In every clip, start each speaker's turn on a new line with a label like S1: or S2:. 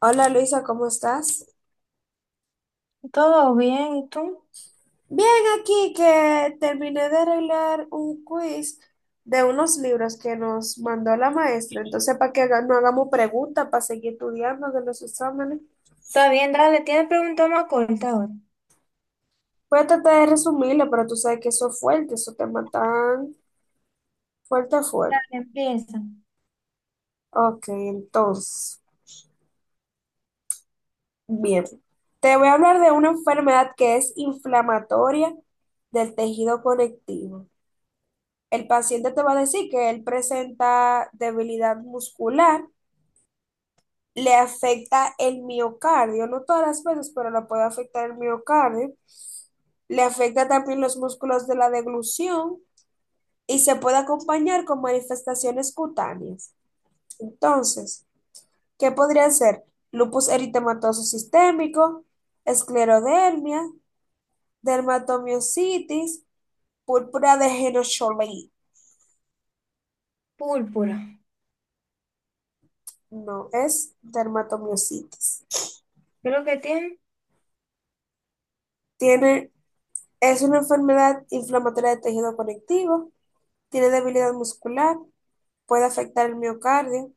S1: Hola Luisa, ¿cómo estás?
S2: Todo bien, ¿y tú?
S1: Bien, aquí que terminé de arreglar un quiz de unos libros que nos mandó la maestra. Entonces, para que haga- no hagamos preguntas, para seguir estudiando de los exámenes.
S2: Está bien, dale, tienes preguntas más cortas ahora.
S1: Voy a tratar de resumirlo, pero tú sabes que eso es fuerte, eso te matan fuerte,
S2: Dale,
S1: fuerte.
S2: empieza.
S1: Ok, entonces, bien. Te voy a hablar de una enfermedad que es inflamatoria del tejido conectivo. El paciente te va a decir que él presenta debilidad muscular, le afecta el miocardio, no todas las veces, pero le puede afectar el miocardio. Le afecta también los músculos de la deglución y se puede acompañar con manifestaciones cutáneas. Entonces, ¿qué podría ser? Lupus eritematoso sistémico, esclerodermia, dermatomiositis, púrpura de Henoch-Schönlein.
S2: Púrpura.
S1: No, es dermatomiositis.
S2: ¿Qué es lo que tiene?
S1: Tiene, es una enfermedad inflamatoria de tejido conectivo, tiene debilidad muscular, puede afectar el miocardio,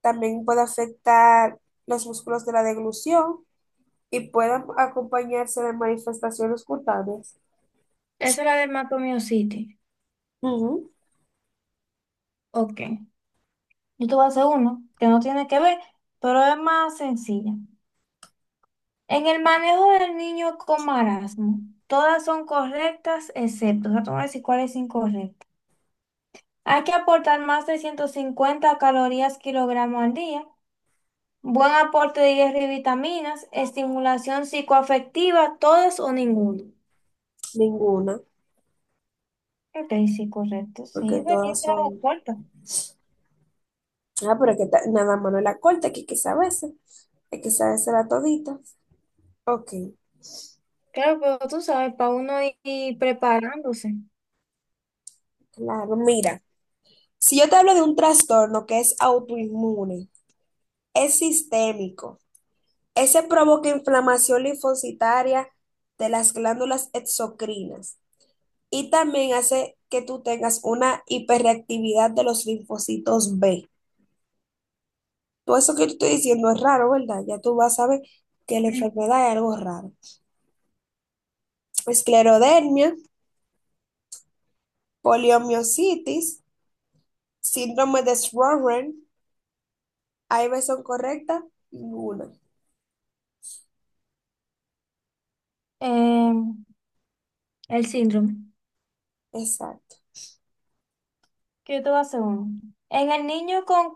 S1: también puede afectar los músculos de la deglución y puede acompañarse de manifestaciones cutáneas.
S2: Esa es la del Macromio City.
S1: Ujú.
S2: Ok. Yo te voy a hacer uno que no tiene que ver, pero es más sencilla. En el manejo del niño con marasmo, todas son correctas excepto, o sea, te voy a decir cuál es incorrecta. Hay que aportar más de 150 calorías kilogramo al día, buen aporte de hierro y vitaminas, estimulación psicoafectiva, todas o ninguna.
S1: Ninguna,
S2: Ok, sí, correcto. Sí,
S1: porque
S2: es verdad que
S1: todas
S2: era la
S1: son...
S2: cuarta.
S1: Ah, pero que ta- nada más no la corta, que hay que saberse la todita. Ok,
S2: Claro, pero tú sabes, para uno ir preparándose.
S1: claro, mira, si yo te hablo de un trastorno que es autoinmune, es sistémico, ese provoca inflamación linfocitaria de las glándulas exocrinas, y también hace que tú tengas una hiperreactividad de los linfocitos B. Todo eso que te estoy diciendo es raro, ¿verdad? Ya tú vas a ver que la enfermedad es algo raro. Esclerodermia, poliomiositis, síndrome de Sjögren, ¿hay versión correcta? Ninguna.
S2: Eh, el síndrome.
S1: Exacto.
S2: Que yo te voy a hacer uno. En el niño con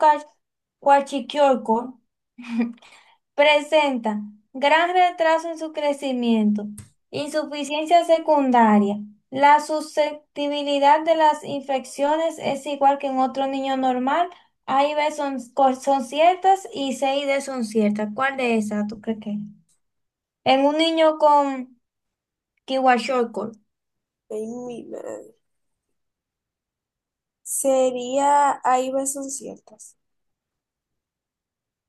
S2: cuachiquiorco presenta gran retraso en su crecimiento, insuficiencia secundaria. La susceptibilidad de las infecciones es igual que en otro niño normal. A y B son, son ciertas y C y D son ciertas. ¿Cuál de esas tú crees que es? En un niño con Kiwa-Shortcut.
S1: Ay, mi madre. Sería, hay versión ciertas.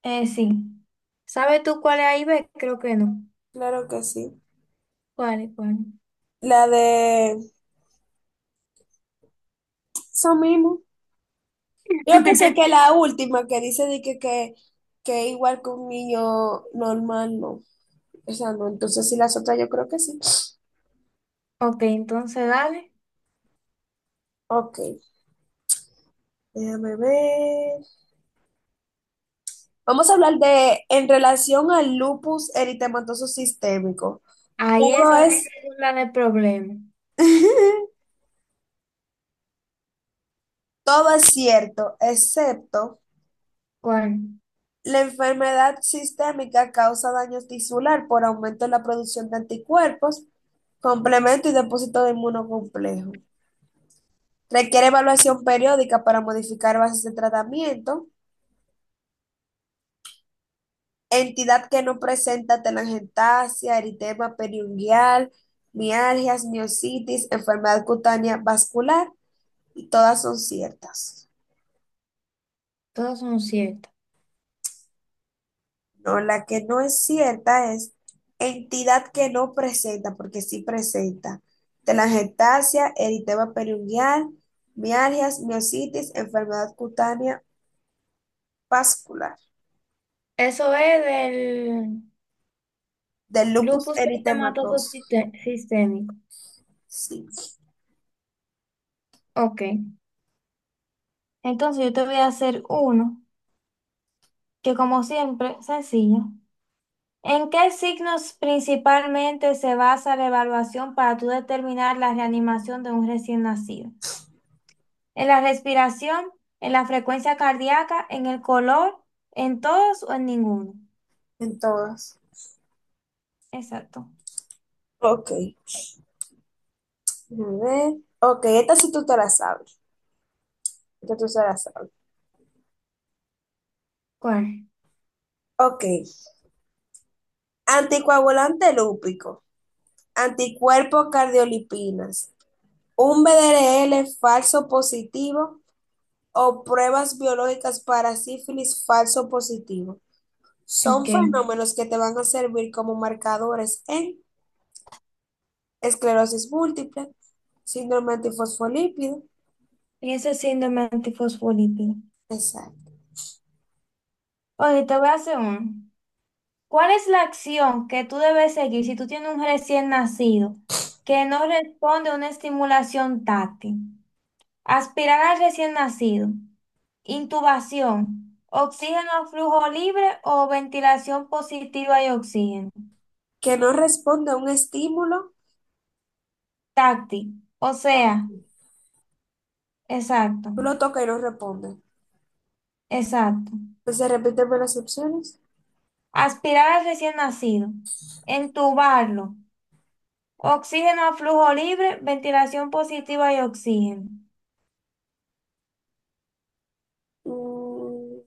S2: Sí. ¿Sabes tú cuál es A y B? Creo que no.
S1: Claro que sí.
S2: ¿Cuál es cuál?
S1: La de eso mismo. Yo que sé que la última que dice de que, que igual que un niño normal, no. O sea, no. Entonces, sí, las otras yo creo que sí.
S2: Ok, entonces dale.
S1: Ok, déjame ver. Vamos a hablar de, en relación al lupus eritematoso sistémico.
S2: Ahí
S1: Todo
S2: esa, esa
S1: es,
S2: es la del problema.
S1: todo es cierto, excepto
S2: ¿Cuál?
S1: la enfermedad sistémica causa daño tisular por aumento en la producción de anticuerpos, complemento y depósito de inmunocomplejo. Requiere evaluación periódica para modificar bases de tratamiento. Entidad que no presenta telangiectasia, eritema periungual, mialgias, miositis, enfermedad cutánea vascular, y todas son ciertas.
S2: Todas son ciertas.
S1: No, la que no es cierta es entidad que no presenta, porque sí presenta telangiectasia, eritema periungual, mialgias, miositis, enfermedad cutánea vascular,
S2: Eso es del
S1: del lupus
S2: lupus eritematoso
S1: eritematoso.
S2: sistémico.
S1: Sí.
S2: Ok. Entonces yo te voy a hacer uno, que como siempre, sencillo. ¿En qué signos principalmente se basa la evaluación para tú determinar la reanimación de un recién nacido? ¿En la respiración, en la frecuencia cardíaca, en el color, en todos o en ninguno?
S1: En todas.
S2: Exacto.
S1: Ok, a ver. Ok, esta sí tú te la sabes. Esta tú se la sabes.
S2: ¿Cuál?
S1: Ok. Anticoagulante lúpico. Anticuerpos cardiolipinas. Un BDRL falso positivo o pruebas biológicas para sífilis falso positivo. Son
S2: Ok.
S1: fenómenos que te van a servir como marcadores en esclerosis múltiple, síndrome antifosfolípido,
S2: Y ese síndrome antifosfolípido.
S1: exacto,
S2: Oye, te voy a hacer uno. ¿Cuál es la acción que tú debes seguir si tú tienes un recién nacido que no responde a una estimulación táctil? Aspirar al recién nacido, intubación, oxígeno a flujo libre o ventilación positiva y oxígeno.
S1: que no responde a un estímulo,
S2: Táctil, o sea,
S1: claro,
S2: exacto,
S1: tú lo tocas y no responde.
S2: exacto.
S1: Pues se repíteme las opciones.
S2: Aspirar al recién nacido, entubarlo, oxígeno a flujo libre, ventilación positiva y oxígeno.
S1: Mm,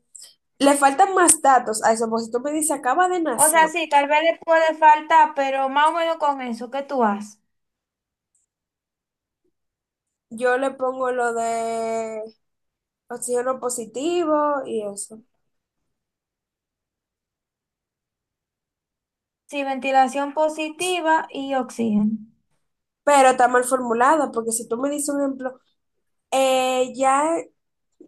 S1: le faltan más datos a eso, porque si tú me dices acaba de
S2: O sea,
S1: nacer,
S2: sí, tal vez le puede faltar, pero más o menos con eso, ¿qué tú haces?
S1: yo le pongo lo de oxígeno positivo y eso.
S2: Sí, ventilación positiva y oxígeno.
S1: Pero está mal formulada, porque si tú me dices un ejemplo, ya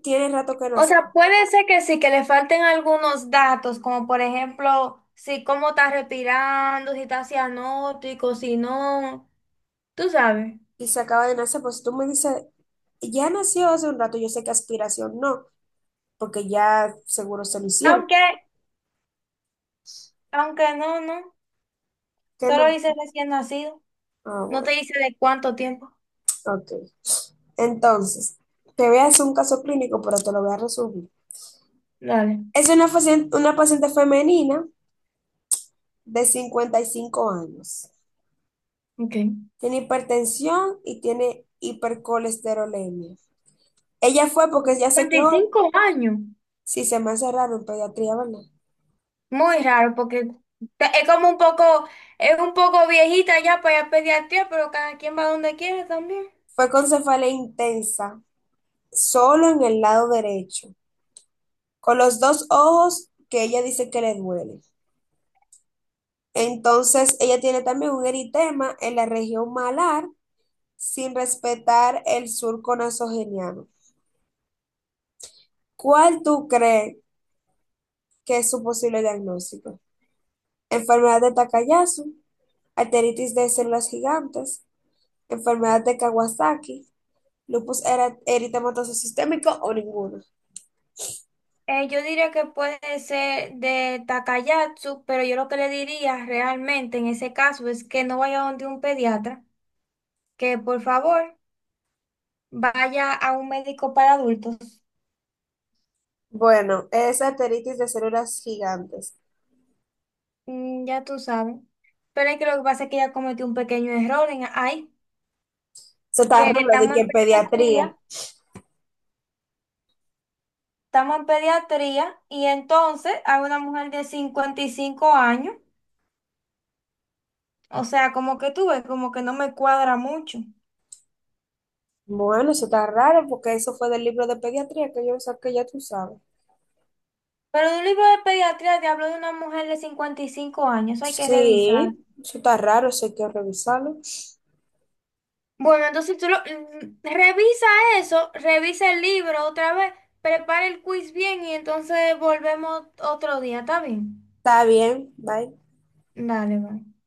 S1: tiene rato que
S2: O
S1: nació
S2: sea, puede ser que sí, que le falten algunos datos, como por ejemplo, si cómo está respirando, si está cianótico, si no, tú sabes.
S1: y se acaba de nacer, pues si tú me dices, ya nació hace un rato, yo sé que aspiración no, porque ya seguro se lo hicieron.
S2: Aunque, aunque no, no,
S1: ¿Qué
S2: solo
S1: no?
S2: dice recién nacido,
S1: Ah,
S2: no
S1: bueno,
S2: te dice de cuánto tiempo.
S1: ok. Entonces, te voy a hacer un caso clínico, pero te lo voy a resumir.
S2: Dale,
S1: Es una paciente femenina de 55 años.
S2: ok.
S1: Tiene hipertensión y tiene hipercolesterolemia. Ella fue porque ya se quedó,
S2: 25 años.
S1: si se me hace raro en pediatría, ¿verdad?
S2: Muy raro, porque es como un poco, es un poco viejita ya para ir a pediatría, pero cada quien va donde quiere también.
S1: Fue con cefalea intensa, solo en el lado derecho, con los dos ojos que ella dice que le duele. Entonces, ella tiene también un eritema en la región malar sin respetar el surco nasogeniano. ¿Cuál tú crees que es su posible diagnóstico? Enfermedad de Takayasu, arteritis de células gigantes, enfermedad de Kawasaki, lupus era- eritematoso sistémico o ninguno.
S2: Yo diría que puede ser de Takayatsu, pero yo lo que le diría realmente en ese caso es que no vaya donde un pediatra, que por favor vaya a un médico para adultos.
S1: Bueno, es arteritis de células gigantes.
S2: Mm, ya tú sabes. Pero es que lo que pasa es que ella cometió un pequeño error en ahí,
S1: Eso está
S2: que
S1: raro, de
S2: estamos
S1: que
S2: en
S1: en pediatría.
S2: pediatría. Estamos en pediatría y entonces hay una mujer de 55 años. O sea, como que tú ves, como que no me cuadra mucho.
S1: Bueno, eso está raro porque eso fue del libro de pediatría que yo saqué, ya tú sabes.
S2: Pero en un libro de pediatría te hablo de una mujer de 55 años, eso hay que revisar.
S1: Sí, eso está raro, eso hay que revisarlo.
S2: Bueno, entonces tú lo, revisa eso, revisa el libro otra vez, prepara el quiz bien y entonces volvemos otro día, ¿está bien?
S1: Está bien, bye.
S2: Dale, va.